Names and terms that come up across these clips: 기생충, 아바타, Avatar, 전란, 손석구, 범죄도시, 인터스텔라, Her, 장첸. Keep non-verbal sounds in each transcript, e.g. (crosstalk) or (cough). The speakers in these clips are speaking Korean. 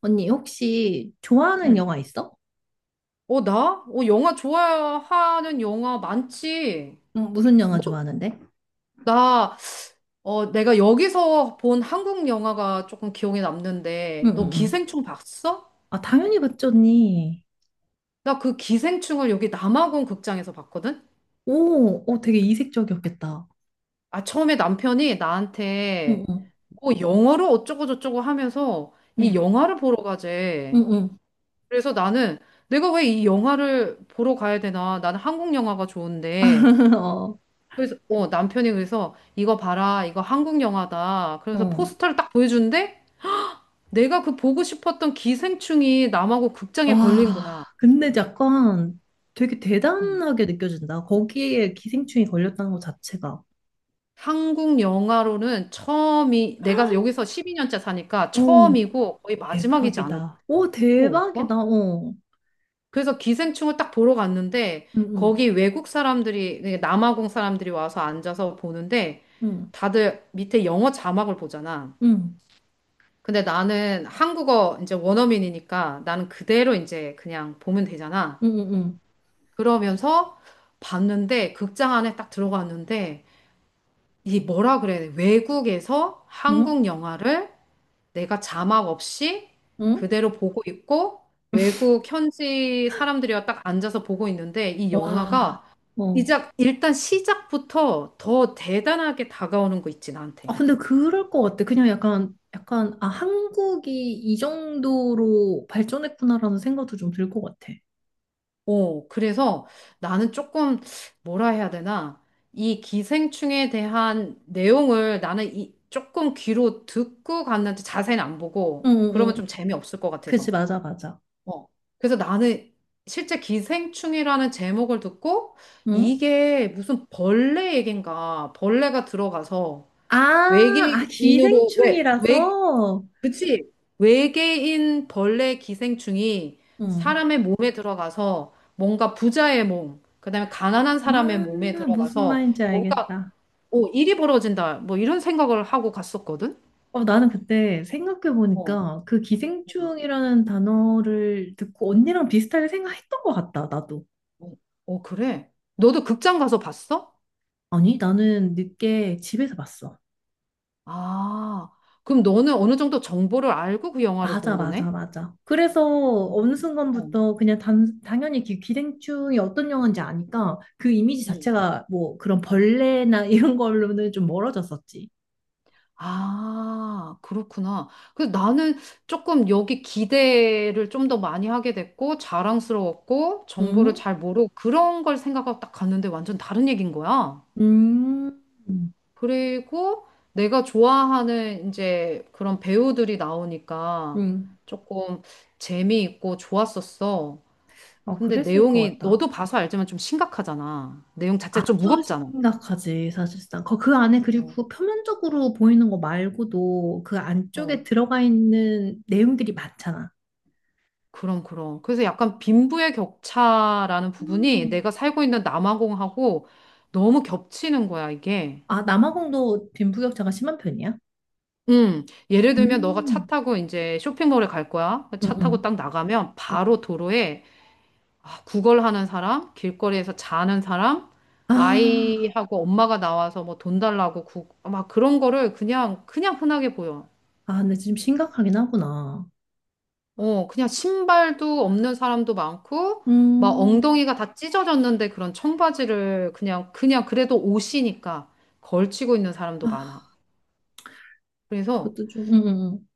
언니, 혹시 좋아하는 응. 영화 있어? 나? 영화 좋아하는 영화 많지. 응, 무슨 영화 좋아하는데? 나, 내가 여기서 본 한국 영화가 조금 기억에 응, 남는데, 너 응, 응. 기생충 봤어? 아, 당연히 봤죠, 언니. 나 그 기생충을 여기 남아공 극장에서 봤거든? 오, 어, 되게 이색적이었겠다. 아, 처음에 남편이 나한테 응, 뭐 영어로 어쩌고저쩌고 하면서 이 응, 영화를 보러 응, 가재. 응, 응. 그래서 나는 내가 왜 이 영화를 보러 가야 되나? 나는 한국 영화가 좋은데. (laughs) 어, 그래서 남편이 그래서 이거 봐라, 이거 한국 영화다. 그래서 어. 포스터를 딱 보여주는데 내가 그 보고 싶었던 기생충이 남하고 와, 극장에 걸린 거야. 근데 약간 되게 음. 대단하게 느껴진다. 거기에 기생충이 걸렸다는 것 자체가. 한국 영화로는 처음이 내가 여기서 12년째 사니까 오, 처음이고 거의 마지막이지 않을까? 대박이다. 오, 또 대박이다. 올까? 어. 그래서 기생충을 딱 보러 갔는데 응, 응, 거기 외국 사람들이 그러니까 남아공 사람들이 와서 앉아서 보는데 응, 다들 밑에 영어 자막을 보잖아. 응, 근데 나는 한국어 이제 원어민이니까 나는 그대로 이제 그냥 보면 되잖아. 응, 응, 그러면서 봤는데 극장 안에 딱 들어갔는데 이 뭐라 그래야 돼? 외국에서 응, 응. 한국 영화를 내가 자막 없이 응? 그대로 보고 있고 외국 현지 사람들이랑 딱 앉아서 보고 있는데 이 와, 영화가 어. 시작, 일단 시작부터 더 대단하게 다가오는 거 있지, 아, 나한테. 근데 그럴 것 같아. 그냥 약간, 약간, 아, 한국이 이 정도로 발전했구나라는 생각도 좀 들 것 같아. 오, 그래서 나는 조금 뭐라 해야 되나? 이 기생충에 대한 내용을 나는 이 조금 귀로 듣고 갔는데 자세히는 안 응, 보고 응, 그러면 응. 좀 재미없을 것 그지, 같아서. 맞아, 맞아. 어. 그래서 나는 실제 기생충이라는 제목을 듣고 응? 이게 무슨 벌레 얘긴가 벌레가 들어가서 아, 아, 외계인으로, 왜, 기생충이라서? 그치? 외계인 벌레 기생충이 응. 사람의 몸에 들어가서 뭔가 부자의 몸, 그다음에 가난한 사람의 몸에 아, 무슨 들어가서 말인지 뭔가 알겠다. 오, 일이 벌어진다. 뭐 이런 생각을 하고 갔었거든. 어, 나는 그때 어, 생각해보니까 그 어, 기생충이라는 단어를 듣고 언니랑 비슷하게 생각했던 것 같다, 나도. 어, 그래. 너도 극장 가서 봤어? 아니, 나는 늦게 집에서 봤어. 아, 그럼 너는 어느 정도 정보를 알고 그 영화를 맞아, 본 맞아, 거네? 맞아. 그래서 음, 어느 어. 순간부터 그냥 당연히 기생충이 어떤 영화인지 아니까 그 이미지 음. 자체가 뭐 그런 벌레나 (laughs) 이런 걸로는 좀 멀어졌었지. 아, 그렇구나. 그 나는 조금 여기 기대를 좀 더 많이 하게 됐고, 자랑스러웠고, 정보를 응? 잘 모르고, 그런 걸 생각하고 딱 갔는데 완전 다른 얘기인 거야. 음, 그리고 내가 좋아하는 이제 그런 배우들이 나오니까 음. 조금 재미있고 좋았었어. 어, 근데 그랬을 것 내용이 같다. 너도 봐서 알지만 좀 심각하잖아. 내용 자체가 좀 아주 무겁잖아. 심각하지, 사실상. 그 안에 그리고 어, 그 표면적으로 보이는 거 말고도 그 안쪽에 어. 들어가 있는 내용들이 많잖아. 그럼, 그럼. 그래서 약간 빈부의 격차라는 부분이 음. 내가 살고 있는 남아공하고 너무 겹치는 거야, 이게. 아, 남아공도 빈부격차가 심한 편이야? 예를 들면 너가 차 음, 타고 이제 쇼핑몰에 갈 거야. 응, 차 타고 응. 딱 나가면 응. 바로 도로에 아, 구걸하는 사람, 길거리에서 자는 사람, 아, 아이하고 엄마가 나와서 뭐 돈 달라고 구, 막 그런 거를 그냥 흔하게 보여. 아, 근데 지금 심각하긴 하구나. 어, 그냥 신발도 없는 사람도 많고, 막 음, 엉덩이가 다 찢어졌는데 그런 청바지를 그냥 그래도 옷이니까 걸치고 있는 사람도 아, 많아. 그래서, 그것도 좀,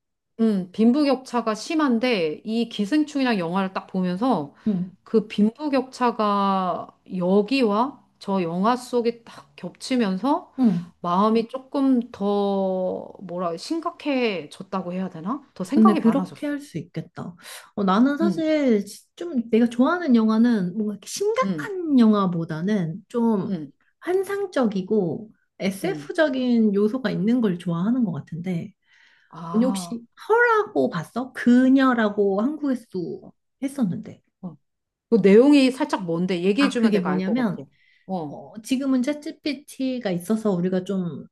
빈부격차가 심한데, 이 기생충이랑 영화를 딱 보면서 음, 음, 그 빈부격차가 여기와 저 영화 속에 딱 겹치면서 음. 마음이 조금 더, 뭐라, 심각해졌다고 해야 되나? 더 근데 생각이 많아졌어. 그렇게 할 수 있겠다. 어, 나는 응, 사실 좀 내가 좋아하는 영화는 뭔가 이렇게 응, 심각한 영화보다는 좀 응, 환상적이고 응. SF적인 요소가 있는 걸 좋아하는 것 같은데, 언니 아. 혹시 허라고 봤어? 그녀라고 한국에서 도 어. 했었는데. 어. 그 내용이 살짝 뭔데? 아, 얘기해주면 그게 내가 알 것 뭐냐면, 같아. 어, 어, 지금은 챗GPT가 있어서 우리가 좀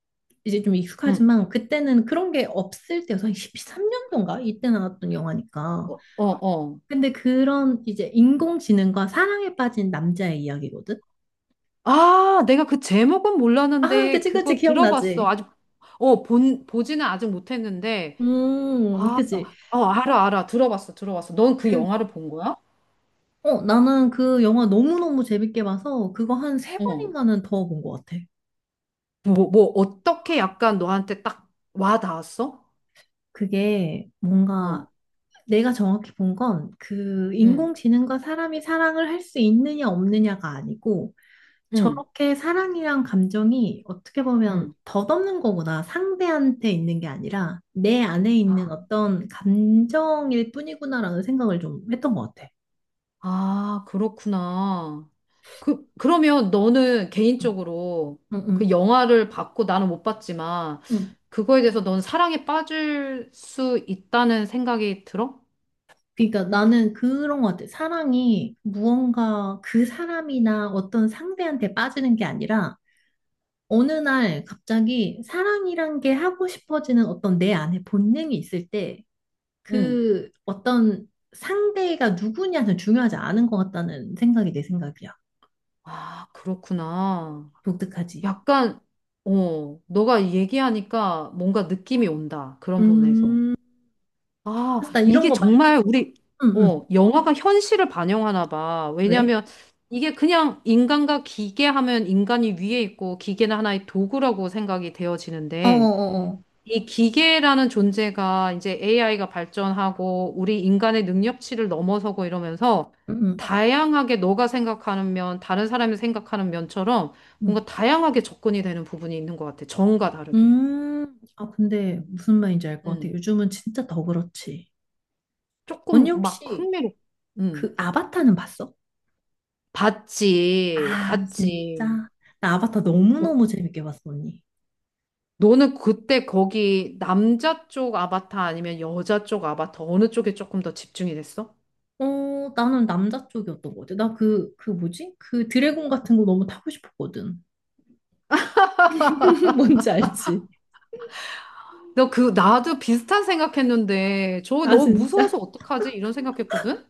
이제 좀 응, 익숙하지만 그때는 그런 게 없을 때여서 13년도인가 이때 나왔던 어, 영화니까. 어, 어. 근데 그런 이제 인공지능과 사랑에 빠진 남자의 이야기거든. 아, 내가 그 제목은 아, 몰랐는데 그치 그치 그거 들어봤어. 기억나지. 아직, 보지는 아직 못했는데. 아, 그치. 알아. 들어봤어. 넌 그 그 영화를 본 거야? 어, 나는 그 영화 너무너무 재밌게 봐서 그거 한 세 어. 번인가는 더 본 것 같아. 어떻게 약간 너한테 딱 와 닿았어? 그게 뭔가 어, 내가 정확히 본 건 그 응, 인공지능과 사람이 사랑을 할 수 있느냐 없느냐가 아니고 응, 저렇게 사랑이란 감정이 어떻게 보면 응. 덧없는 거구나. 상대한테 있는 게 아니라 내 안에 아, 있는 어떤 감정일 뿐이구나라는 생각을 좀 했던 것 같아. 아, 그렇구나. 그러면 너는 응, 개인적으로 응, 그 응. 영화를 봤고 나는 못 봤지만 응. 그거에 대해서 넌 사랑에 빠질 수 있다는 생각이 들어? 그러니까 나는 그런 것 같아. 사랑이 무언가 그 사람이나 어떤 상대한테 빠지는 게 아니라 어느 날 갑자기 사랑이란 게 하고 싶어지는 어떤 내 안에 본능이 있을 때 응. 그 어떤 상대가 누구냐는 중요하지 않은 것 같다는 생각이 내 생각이야. 아, 그렇구나. 독특하지. 약간, 어, 너가 얘기하니까 뭔가 느낌이 온다. 그런 부분에서. 음, 아, 사실 나 이런 이게 거 말고, 정말 우리, 응, 응. 어, 영화가 현실을 반영하나 봐. 왜? 왜냐면 이게 그냥 인간과 기계 하면 인간이 위에 있고 기계는 하나의 도구라고 생각이 되어지는데 어어어어. 이 기계라는 존재가 이제 AI가 발전하고 우리 인간의 능력치를 넘어서고 이러면서 응, 응, 다양하게 너가 생각하는 면, 다른 사람이 생각하는 면처럼 응. 뭔가 다양하게 접근이 되는 부분이 있는 것 같아. 정과 다르게. 아, 근데 무슨 말인지 알 것 같아. 음. 요즘은 진짜 더 그렇지. 언니 조금 막 혹시 흥미롭. 음. 그 아바타는 봤어? 봤지, 아, 봤지. 진짜? 나 아바타 어, 너무너무 재밌게 봤어, 언니. 너는 그때 거기 남자 쪽 아바타 아니면 여자 쪽 아바타 어느 쪽에 조금 더 집중이 됐어? 어, 나는 남자 쪽이었던 것 같아. 나 그, 뭐지? 그 드래곤 같은 거 너무 타고 싶었거든. (laughs) 뭔지 알지? 너 그, 나도 비슷한 생각했는데, 저거 아, 너무 진짜? 무서워서 어떡하지? 이런 생각했거든?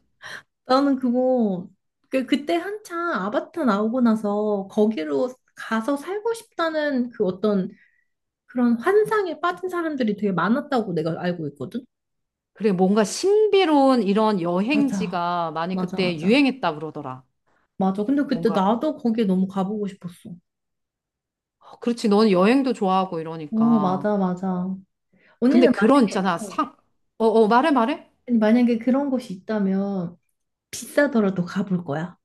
나는 그거, 그때 한창 아바타 나오고 나서 거기로 가서 살고 싶다는 그 어떤 그런 환상에 빠진 사람들이 되게 많았다고 내가 알고 있거든? 그래, 뭔가 신비로운 이런 맞아. 여행지가 많이 맞아, 그때 맞아. 유행했다 그러더라. 맞아. 근데 그때 뭔가, 나도 거기에 너무 가보고 싶었어. 어, 그렇지, 넌 여행도 좋아하고 어, 이러니까. 맞아, 맞아. 근데 언니는 그런 만약에, 있잖아, 어, 상, 어, 말해? 아니, 만약에 그런 곳이 있다면 비싸더라도 가볼 거야.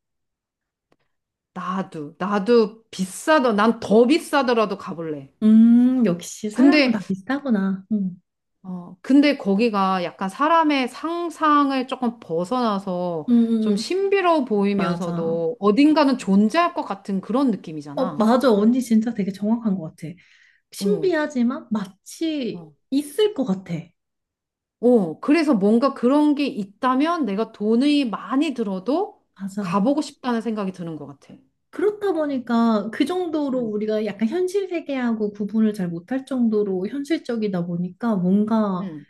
나도 비싸더, 난 더 비싸더라도 가볼래. 역시 사람은 근데 다 비슷하구나. 응. 근데 거기가 약간 사람의 상상을 조금 벗어나서 응, 응, 좀 응. 신비로워 맞아. 보이면서도 맞아, 어딘가는 맞아. 존재할 것 같은 그런 어, 느낌이잖아. 맞아. 언니 진짜 되게 정확한 것 같아. 어, 신비하지만 마치 어. 있을 것 같아. 어, 그래서 뭔가 그런 게 있다면 내가 돈이 많이 들어도 맞아. 가보고 싶다는 생각이 드는 것 같아. 그렇다 보니까 그 정도로 응, 우리가 약간 현실 세계하고 구분을 잘 못할 정도로 현실적이다 보니까 뭔가 응,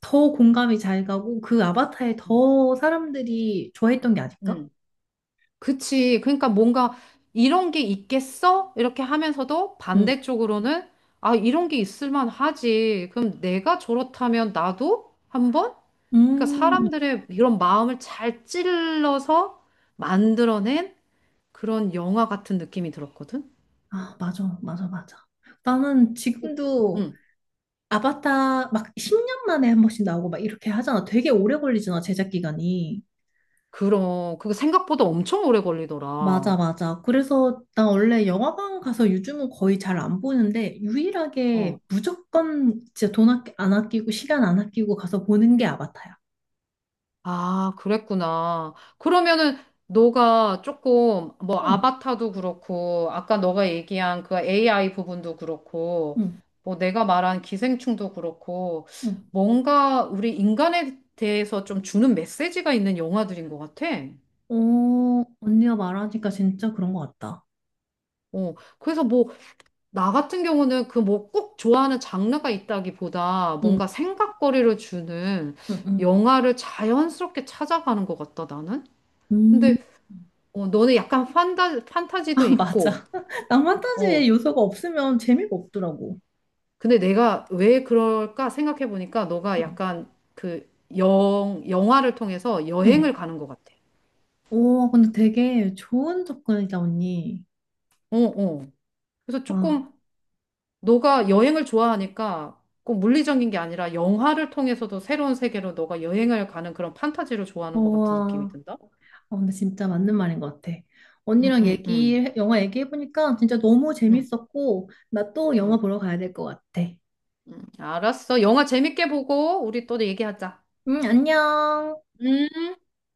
더 공감이 잘 가고 그 아바타에 응, 더 사람들이 좋아했던 게 아닐까? 응. 그치. 그러니까 뭔가 이런 게 있겠어? 이렇게 하면서도 음, 반대쪽으로는 아, 이런 게 있을 만하지. 그럼 내가 저렇다면 나도 한번? 그러니까 음. 사람들의 이런 마음을 잘 찔러서 만들어낸 그런 영화 같은 느낌이 들었거든? 아, 맞아, 맞아, 맞아. 나는 지금도 응. 아바타 막 10년 만에 한 번씩 나오고 막 이렇게 하잖아. 되게 오래 걸리잖아, 제작 기간이. 그럼 그거 생각보다 엄청 오래 맞아, 걸리더라. 맞아. 그래서 나 원래 영화관 가서 요즘은 거의 잘 안 보는데 유일하게 어. 무조건 진짜 돈 안 아끼고 시간 안 아끼고 가서 보는 게 아바타야. 아, 그랬구나. 그러면은 너가 조금 뭐 응, 아바타도 그렇고 아까 너가 얘기한 그 AI 부분도 그렇고 응, 뭐 내가 말한 기생충도 그렇고 응. 뭔가 우리 인간에 대해서 좀 주는 메시지가 있는 영화들인 것 같아. 어, 언니가 말하니까 진짜 그런 것 같다. 어, 그래서 뭐 나 같은 경우는 그 뭐 꼭 좋아하는 장르가 있다기보다 응, 뭔가 생각거리를 주는 응, 응. 영화를 자연스럽게 찾아가는 것 같다, 나는. 음, 근데 어, 너는 약간 판타지도 아, 있고, 맞아. (laughs) 낭만 타지의 어, 요소가 없으면 재미가 없더라고. 근데 내가 왜 그럴까 생각해 보니까 너가 응. 약간 그 영화를 통해서 응. 여행을 가는 것 같아. 오, 근데 되게 좋은 접근이다, 언니. 어, 어. 그래서 아, 조금 너가 여행을 좋아하니까 꼭 물리적인 게 아니라 영화를 통해서도 새로운 세계로 너가 여행을 가는 그런 판타지를 좋아하는 것 같은 느낌이 우와. 든다? 아, 근데 진짜 맞는 말인 것 같아. 응, 언니랑 응, 응, 얘기, 영화 얘기해보니까 진짜 너무 응, 재밌었고, 나 또 영화 응, 보러 가야 될 것 같아. 응. 알았어. 영화 재밌게 보고 우리 또 얘기하자. 응, 안녕. 음.